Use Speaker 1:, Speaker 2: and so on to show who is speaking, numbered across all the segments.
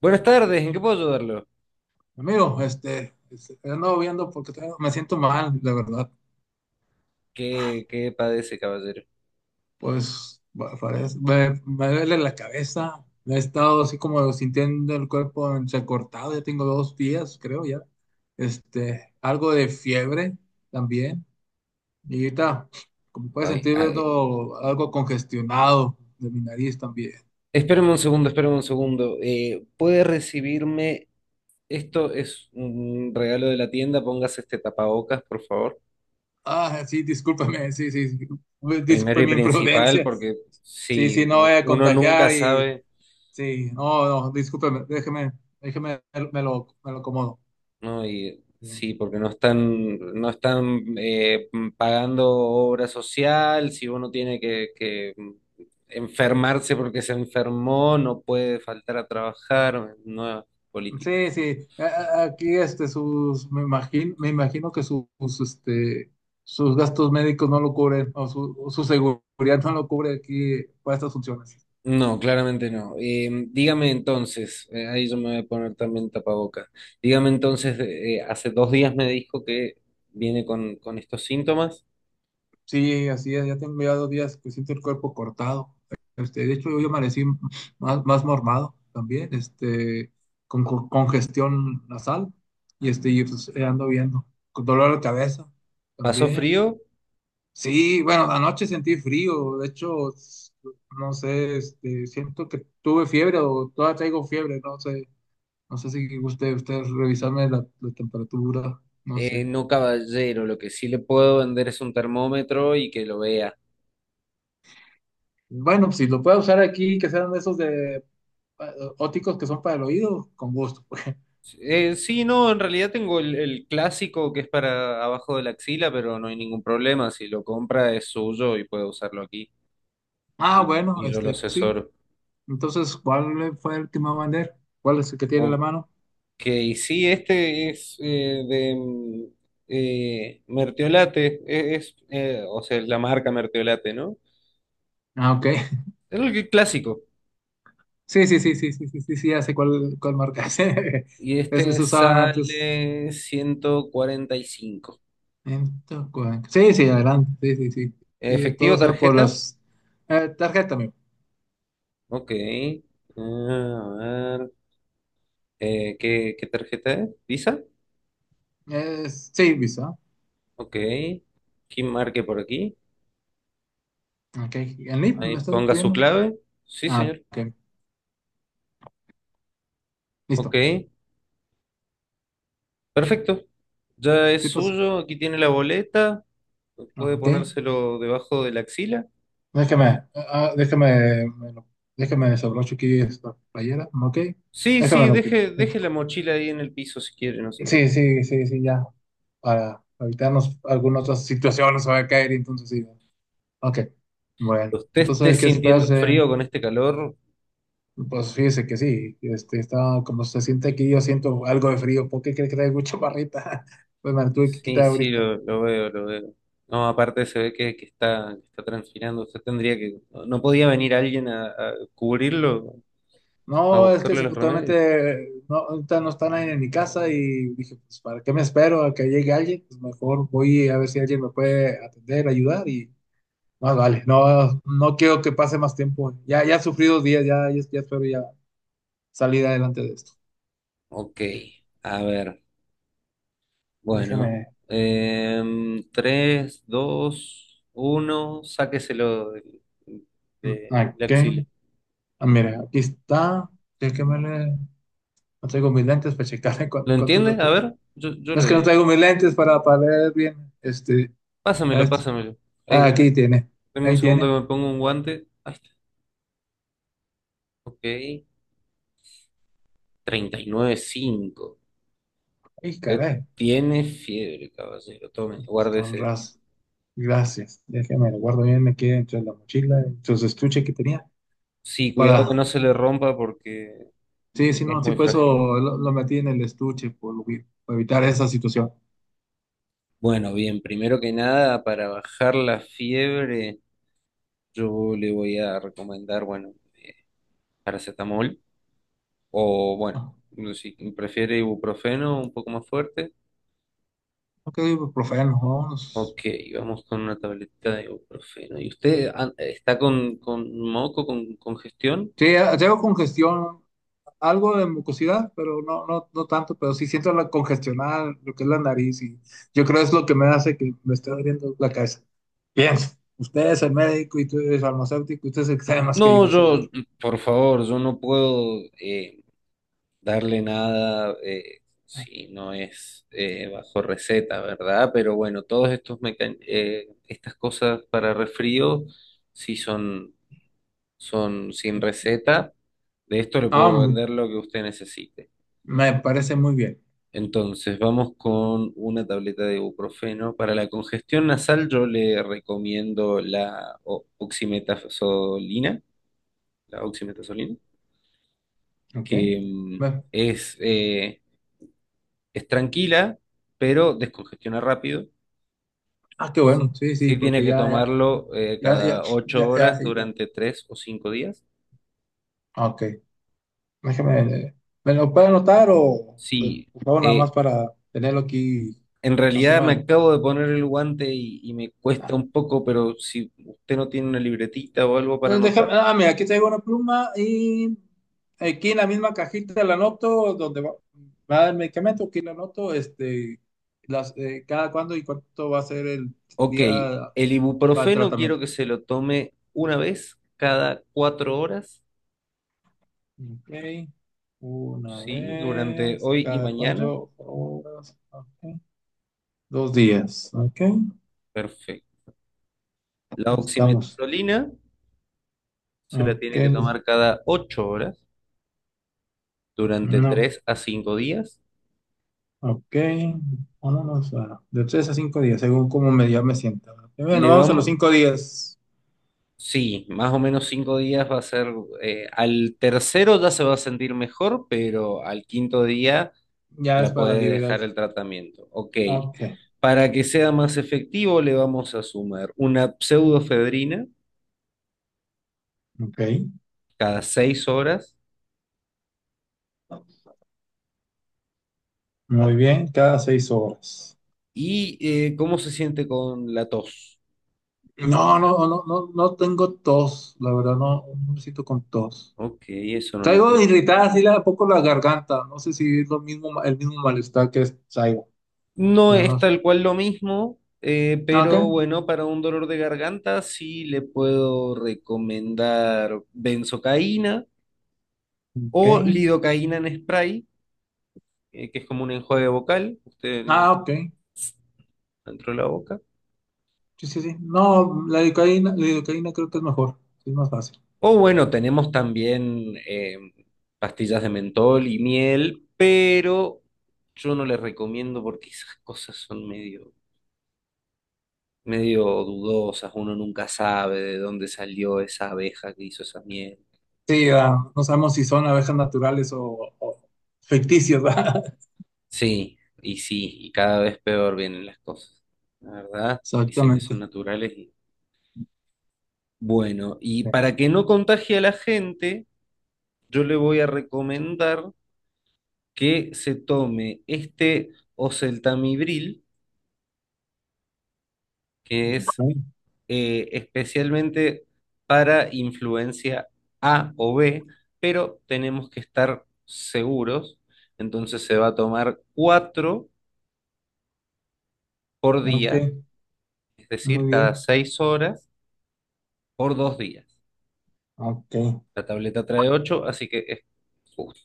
Speaker 1: Buenas tardes, ¿en qué puedo ayudarlo?
Speaker 2: Amigo, ando viendo porque me siento mal, de verdad.
Speaker 1: ¿Qué padece, caballero?
Speaker 2: Pues parece, me duele la cabeza. He estado así como sintiendo el cuerpo entrecortado. Ya tengo 2 días, creo ya. Algo de fiebre también. Y ahorita, como puedes
Speaker 1: Ay,
Speaker 2: sentir,
Speaker 1: ay,
Speaker 2: veo algo congestionado de mi nariz también.
Speaker 1: espéreme un segundo, espéreme un segundo. ¿Puede recibirme? Esto es un regalo de la tienda, póngase este tapabocas, por favor.
Speaker 2: Ah, sí, discúlpame, sí, sí, sí.
Speaker 1: Primero
Speaker 2: Disculpe
Speaker 1: y
Speaker 2: mi
Speaker 1: principal,
Speaker 2: imprudencia.
Speaker 1: porque
Speaker 2: Sí,
Speaker 1: sí,
Speaker 2: sí, no voy a
Speaker 1: uno nunca
Speaker 2: contagiar y
Speaker 1: sabe.
Speaker 2: sí, no, no, discúlpeme, déjeme, déjeme, me lo acomodo.
Speaker 1: No, y
Speaker 2: Sí,
Speaker 1: sí, porque no están, pagando obra social, si uno tiene que enfermarse porque se enfermó, no puede faltar a trabajar, nuevas
Speaker 2: sí,
Speaker 1: políticas.
Speaker 2: sí, aquí sus, me imagino que sus, este, sus gastos médicos no lo cubren, o su seguridad no lo cubre aquí para estas funciones.
Speaker 1: No, claramente no. Dígame entonces, ahí yo me voy a poner también tapaboca. Dígame entonces, hace 2 días me dijo que viene con estos síntomas.
Speaker 2: Sí, así es, ya tengo ya 2 días que siento el cuerpo cortado. De hecho, hoy amanecí más, más mormado también, con congestión nasal, y y pues, ando viendo, con dolor de cabeza
Speaker 1: ¿Pasó
Speaker 2: también.
Speaker 1: frío?
Speaker 2: Sí, bueno, anoche sentí frío, de hecho, no sé, siento que tuve fiebre o todavía traigo fiebre, no sé, no sé si guste usted revisarme la, la temperatura, no
Speaker 1: Eh,
Speaker 2: sé.
Speaker 1: no, caballero, lo que sí le puedo vender es un termómetro y que lo vea.
Speaker 2: Bueno, si lo puede usar aquí, que sean de esos de óticos que son para el oído, con gusto. Pues.
Speaker 1: Sí, no, en realidad tengo el clásico que es para abajo de la axila, pero no hay ningún problema. Si lo compra es suyo y puede usarlo aquí
Speaker 2: Ah,
Speaker 1: y,
Speaker 2: bueno,
Speaker 1: y yo lo
Speaker 2: este, sí,
Speaker 1: asesoro.
Speaker 2: entonces, ¿cuál fue el que me va a vender? ¿Cuál es el que tiene en la
Speaker 1: Ok,
Speaker 2: mano?
Speaker 1: sí, este es de Mertiolate, o sea, es la marca Mertiolate, ¿no?
Speaker 2: Ah, ok.
Speaker 1: Es el clásico.
Speaker 2: Sí, sí, sí, sí, sí, sí, sí, sí, ya sé cuál, cuál marca es.
Speaker 1: Y
Speaker 2: Esos
Speaker 1: este
Speaker 2: usaban antes.
Speaker 1: sale 145.
Speaker 2: 140. Sí, sí, adelante. Sí, sí, sí. Y todo
Speaker 1: ¿Efectivo,
Speaker 2: sea por
Speaker 1: tarjeta?
Speaker 2: las tarjeta, amigo.
Speaker 1: Ok. Ah, a ver. ¿Qué tarjeta es? ¿Visa?
Speaker 2: Es, sí, Visa.
Speaker 1: Ok. ¿Quién marque por aquí?
Speaker 2: Ok. ¿El NIP me
Speaker 1: Ahí
Speaker 2: está
Speaker 1: ponga su
Speaker 2: pidiendo?
Speaker 1: clave. Sí,
Speaker 2: Ah,
Speaker 1: señor.
Speaker 2: ok.
Speaker 1: Ok.
Speaker 2: Listo.
Speaker 1: Perfecto. Ya
Speaker 2: Sí,
Speaker 1: es
Speaker 2: pues.
Speaker 1: suyo. Aquí tiene la boleta. Puede
Speaker 2: Ok.
Speaker 1: ponérselo debajo de la axila.
Speaker 2: Déjame, ah, déjame desabrocho aquí esta playera. Ok.
Speaker 1: Sí,
Speaker 2: Déjame
Speaker 1: sí,
Speaker 2: lo pongo.
Speaker 1: deje, deje la mochila ahí en el piso si quiere, no se
Speaker 2: Sí,
Speaker 1: preocupe.
Speaker 2: sí, sí, sí, ya. Para evitarnos algunas otras situaciones, se va a caer, entonces sí. Ok. Bueno,
Speaker 1: ¿Usted
Speaker 2: entonces
Speaker 1: esté
Speaker 2: hay que
Speaker 1: sintiendo
Speaker 2: esperarse.
Speaker 1: frío con este calor?
Speaker 2: Pues fíjese que sí, estaba como se siente aquí, yo siento algo de frío. ¿Por qué crees que traigo chaparrita? Pues me la tuve que
Speaker 1: Sí,
Speaker 2: quitar
Speaker 1: sí,
Speaker 2: ahorita.
Speaker 1: lo veo, lo veo. No, aparte se ve que está, que está transpirando. Usted tendría que. ¿No podía venir alguien a cubrirlo? A
Speaker 2: No, es que
Speaker 1: buscarle los remedios.
Speaker 2: justamente no, ahorita no está nadie en mi casa y dije, pues, ¿para qué me espero a que llegue alguien? Pues mejor voy a ver si alguien me puede atender, ayudar y más vale. No, no quiero que pase más tiempo. Ya, ya sufrí 2 días, ya, ya, ya espero ya salir adelante de esto.
Speaker 1: Ok, a ver. Bueno.
Speaker 2: Déjeme,
Speaker 1: Tres, dos, uno. Sáqueselo de
Speaker 2: ¿a
Speaker 1: la
Speaker 2: qué?
Speaker 1: axila.
Speaker 2: Ah, mira, aquí está. Déjeme leer. No traigo mis lentes para checar
Speaker 1: ¿Lo
Speaker 2: cuántos
Speaker 1: entiende? A
Speaker 2: lentes.
Speaker 1: ver, yo
Speaker 2: No
Speaker 1: le
Speaker 2: es que no
Speaker 1: digo.
Speaker 2: traigo mis lentes para ver bien. Ah,
Speaker 1: Pásamelo,
Speaker 2: es-
Speaker 1: pásamelo. Ahí,
Speaker 2: ah, aquí tiene.
Speaker 1: dame un
Speaker 2: Ahí
Speaker 1: segundo
Speaker 2: tiene.
Speaker 1: que me pongo un guante. Ahí está. Ok. 39.5.
Speaker 2: Ay,
Speaker 1: Usted
Speaker 2: caray.
Speaker 1: tiene fiebre, caballero. Tome,
Speaker 2: Con
Speaker 1: guárdese.
Speaker 2: razón. Gracias. Déjame, lo guardo bien aquí dentro de la mochila, dentro de su estuche que tenía.
Speaker 1: Sí, cuidado que
Speaker 2: Para.
Speaker 1: no se le rompa porque
Speaker 2: Sí, sí, no,
Speaker 1: es
Speaker 2: sí,
Speaker 1: muy
Speaker 2: por eso
Speaker 1: frágil.
Speaker 2: lo metí en el estuche, por, para evitar esa situación.
Speaker 1: Bueno, bien, primero que nada, para bajar la fiebre, yo le voy a recomendar, bueno, paracetamol o, bueno,
Speaker 2: Ah,
Speaker 1: si prefiere ibuprofeno un poco más fuerte.
Speaker 2: ok, ibuprofeno, vámonos.
Speaker 1: Ok, vamos con una tabletita de ibuprofeno. ¿Y usted está con moco, con congestión?
Speaker 2: Sí, traigo congestión algo de mucosidad, pero no, no, no tanto, pero sí siento la congestionada, lo que es la nariz, y yo creo es lo que me hace que me esté doliendo la cabeza. Bien, usted es el médico y tú eres farmacéutico, usted es el que sabe más que
Speaker 1: No,
Speaker 2: yo,
Speaker 1: yo,
Speaker 2: seguro.
Speaker 1: por favor, yo no puedo, darle nada, sí, no es bajo receta, ¿verdad? Pero bueno, todos estas cosas para resfrío sí son sin receta. De esto le
Speaker 2: Ah,
Speaker 1: puedo
Speaker 2: mu-
Speaker 1: vender lo que usted necesite.
Speaker 2: me parece muy bien,
Speaker 1: Entonces, vamos con una tableta de ibuprofeno. Para la congestión nasal, yo le recomiendo la oximetazolina,
Speaker 2: ¿ok?
Speaker 1: que mm,
Speaker 2: Bueno,
Speaker 1: es eh, Es tranquila, pero descongestiona rápido.
Speaker 2: ah, qué
Speaker 1: Sí,
Speaker 2: bueno, sí, sí,
Speaker 1: sí tiene
Speaker 2: porque
Speaker 1: que
Speaker 2: ya, ya,
Speaker 1: tomarlo
Speaker 2: ya, ya,
Speaker 1: cada ocho
Speaker 2: ya, ya,
Speaker 1: horas
Speaker 2: ya.
Speaker 1: durante 3 o 5 días.
Speaker 2: Ah, ok, déjeme, eh, ¿me lo puede anotar o,
Speaker 1: Sí,
Speaker 2: por favor, nada más
Speaker 1: eh,
Speaker 2: para tenerlo aquí,
Speaker 1: en
Speaker 2: no se
Speaker 1: realidad me
Speaker 2: mueve?
Speaker 1: acabo de poner el guante y me cuesta un poco, pero si usted no tiene una libretita o algo para anotar.
Speaker 2: Mira, aquí traigo una pluma y aquí en la misma cajita la anoto donde va, va el medicamento, aquí la anoto, las, cada cuándo y cuánto va a ser el
Speaker 1: Ok,
Speaker 2: día
Speaker 1: el
Speaker 2: para el
Speaker 1: ibuprofeno quiero
Speaker 2: tratamiento.
Speaker 1: que se lo tome una vez cada 4 horas,
Speaker 2: Ok, una
Speaker 1: ¿sí? Durante
Speaker 2: vez,
Speaker 1: hoy y
Speaker 2: cada
Speaker 1: mañana.
Speaker 2: 4 horas, ok, 2 días, ok,
Speaker 1: Perfecto. La
Speaker 2: estamos,
Speaker 1: oximetazolina se la
Speaker 2: ok,
Speaker 1: tiene que tomar cada 8 horas, durante
Speaker 2: no,
Speaker 1: 3 a 5 días.
Speaker 2: ok, vámonos a, de 3 a 5 días, según cómo me, ya me sienta. Ok, bueno,
Speaker 1: Le
Speaker 2: vamos a los
Speaker 1: vamos,
Speaker 2: 5 días.
Speaker 1: sí, más o menos 5 días va a ser, al tercero ya se va a sentir mejor, pero al quinto día
Speaker 2: Ya es
Speaker 1: ya
Speaker 2: para
Speaker 1: puede
Speaker 2: liberar.
Speaker 1: dejar el tratamiento. Ok,
Speaker 2: Ok,
Speaker 1: para que sea más efectivo le vamos a sumar una pseudofedrina
Speaker 2: ok.
Speaker 1: cada 6 horas
Speaker 2: Muy bien, cada 6 horas.
Speaker 1: y cómo se siente con la tos.
Speaker 2: No, no, no, no, no tengo tos, la verdad, no, no me siento con tos.
Speaker 1: Ok, eso no le
Speaker 2: Traigo
Speaker 1: podemos dar,
Speaker 2: irritada
Speaker 1: ¿no?
Speaker 2: así un poco la garganta, no sé si es lo mismo, el mismo malestar que es, traigo,
Speaker 1: No
Speaker 2: pero
Speaker 1: es
Speaker 2: no sé.
Speaker 1: tal cual lo mismo,
Speaker 2: Ah, ok,
Speaker 1: pero bueno, para un dolor de garganta sí le puedo recomendar benzocaína
Speaker 2: ok.
Speaker 1: o lidocaína en spray, que es como un enjuague vocal, usted
Speaker 2: Ah, ok.
Speaker 1: dentro de la boca.
Speaker 2: Sí, sí, sí. No, la lidocaína creo que es mejor, es más fácil.
Speaker 1: O bueno, tenemos también pastillas de mentol y miel, pero yo no les recomiendo porque esas cosas son medio, medio dudosas, uno nunca sabe de dónde salió esa abeja que hizo esa miel.
Speaker 2: Sí, no sabemos si son abejas naturales o ficticias, ¿verdad?
Speaker 1: Sí, y sí, y cada vez peor vienen las cosas. La verdad, dicen que son
Speaker 2: Exactamente.
Speaker 1: naturales y bueno, y
Speaker 2: Sí.
Speaker 1: para que no contagie a la gente, yo le voy a recomendar que se tome este oseltamibril, que es
Speaker 2: Ok,
Speaker 1: especialmente para influencia A o B, pero tenemos que estar seguros. Entonces se va a tomar cuatro por
Speaker 2: ok.
Speaker 1: día, es decir,
Speaker 2: Muy
Speaker 1: cada
Speaker 2: bien.
Speaker 1: 6 horas por 2 días.
Speaker 2: Ok,
Speaker 1: La tableta trae 8 así que es justo.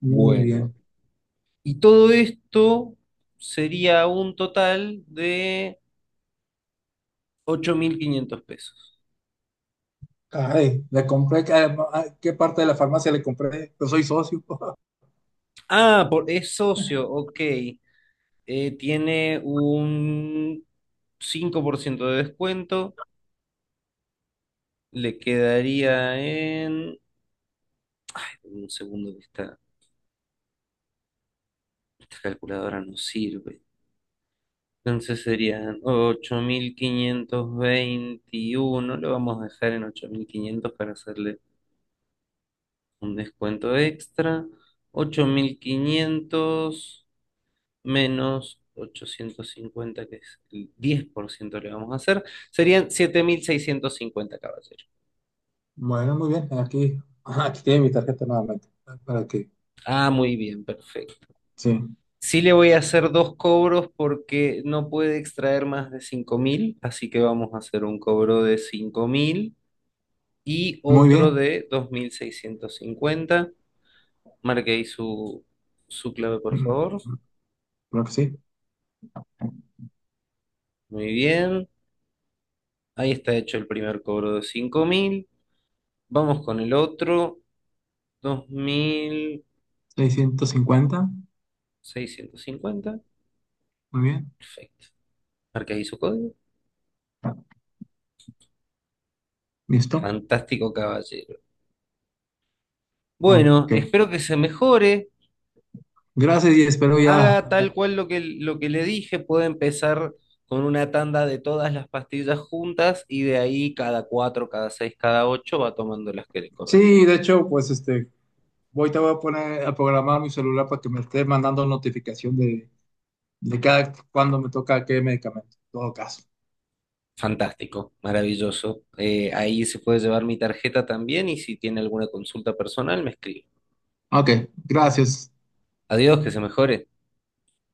Speaker 2: muy
Speaker 1: Bueno,
Speaker 2: bien.
Speaker 1: y todo esto sería un total de 8.500 pesos.
Speaker 2: Ay, le compré, ¿qué, qué parte de la farmacia le compré? Yo soy socio.
Speaker 1: Ah, por, es socio, ok. Tiene un 5% de descuento. Le quedaría en. Un segundo que esta calculadora no sirve. Entonces serían 8.521. Lo vamos a dejar en 8.500 para hacerle un descuento extra, 8.500 menos 850 que es el 10% le vamos a hacer, serían 7.650, caballero.
Speaker 2: Bueno, muy bien. Aquí, ajá, aquí tiene mi tarjeta nuevamente. Para que,
Speaker 1: Ah, muy bien, perfecto.
Speaker 2: sí.
Speaker 1: Sí le voy a hacer dos cobros porque no puede extraer más de 5.000 así que vamos a hacer un cobro de 5.000 y
Speaker 2: Muy
Speaker 1: otro
Speaker 2: bien.
Speaker 1: de 2.650. Marque ahí su clave, por
Speaker 2: Mm,
Speaker 1: favor.
Speaker 2: creo que sí.
Speaker 1: Muy bien. Ahí está hecho el primer cobro de 5.000. Vamos con el otro, dos mil
Speaker 2: 650.
Speaker 1: seiscientos cincuenta.
Speaker 2: Muy bien.
Speaker 1: Perfecto. Marca ahí su código.
Speaker 2: Listo.
Speaker 1: Fantástico caballero. Bueno,
Speaker 2: Ok.
Speaker 1: espero que se mejore.
Speaker 2: Gracias y espero ya.
Speaker 1: Haga
Speaker 2: A ver.
Speaker 1: tal cual lo que le dije. Puede empezar con una tanda de todas las pastillas juntas y de ahí cada cuatro, cada seis, cada ocho va tomando las que le
Speaker 2: Sí,
Speaker 1: corresponden.
Speaker 2: de hecho, pues voy te voy a poner a programar mi celular para que me esté mandando notificación de cada cuando me toca qué medicamento. En todo caso.
Speaker 1: Fantástico, maravilloso. Ahí se puede llevar mi tarjeta también y si tiene alguna consulta personal me escribe.
Speaker 2: Ok, gracias.
Speaker 1: Adiós, que se mejore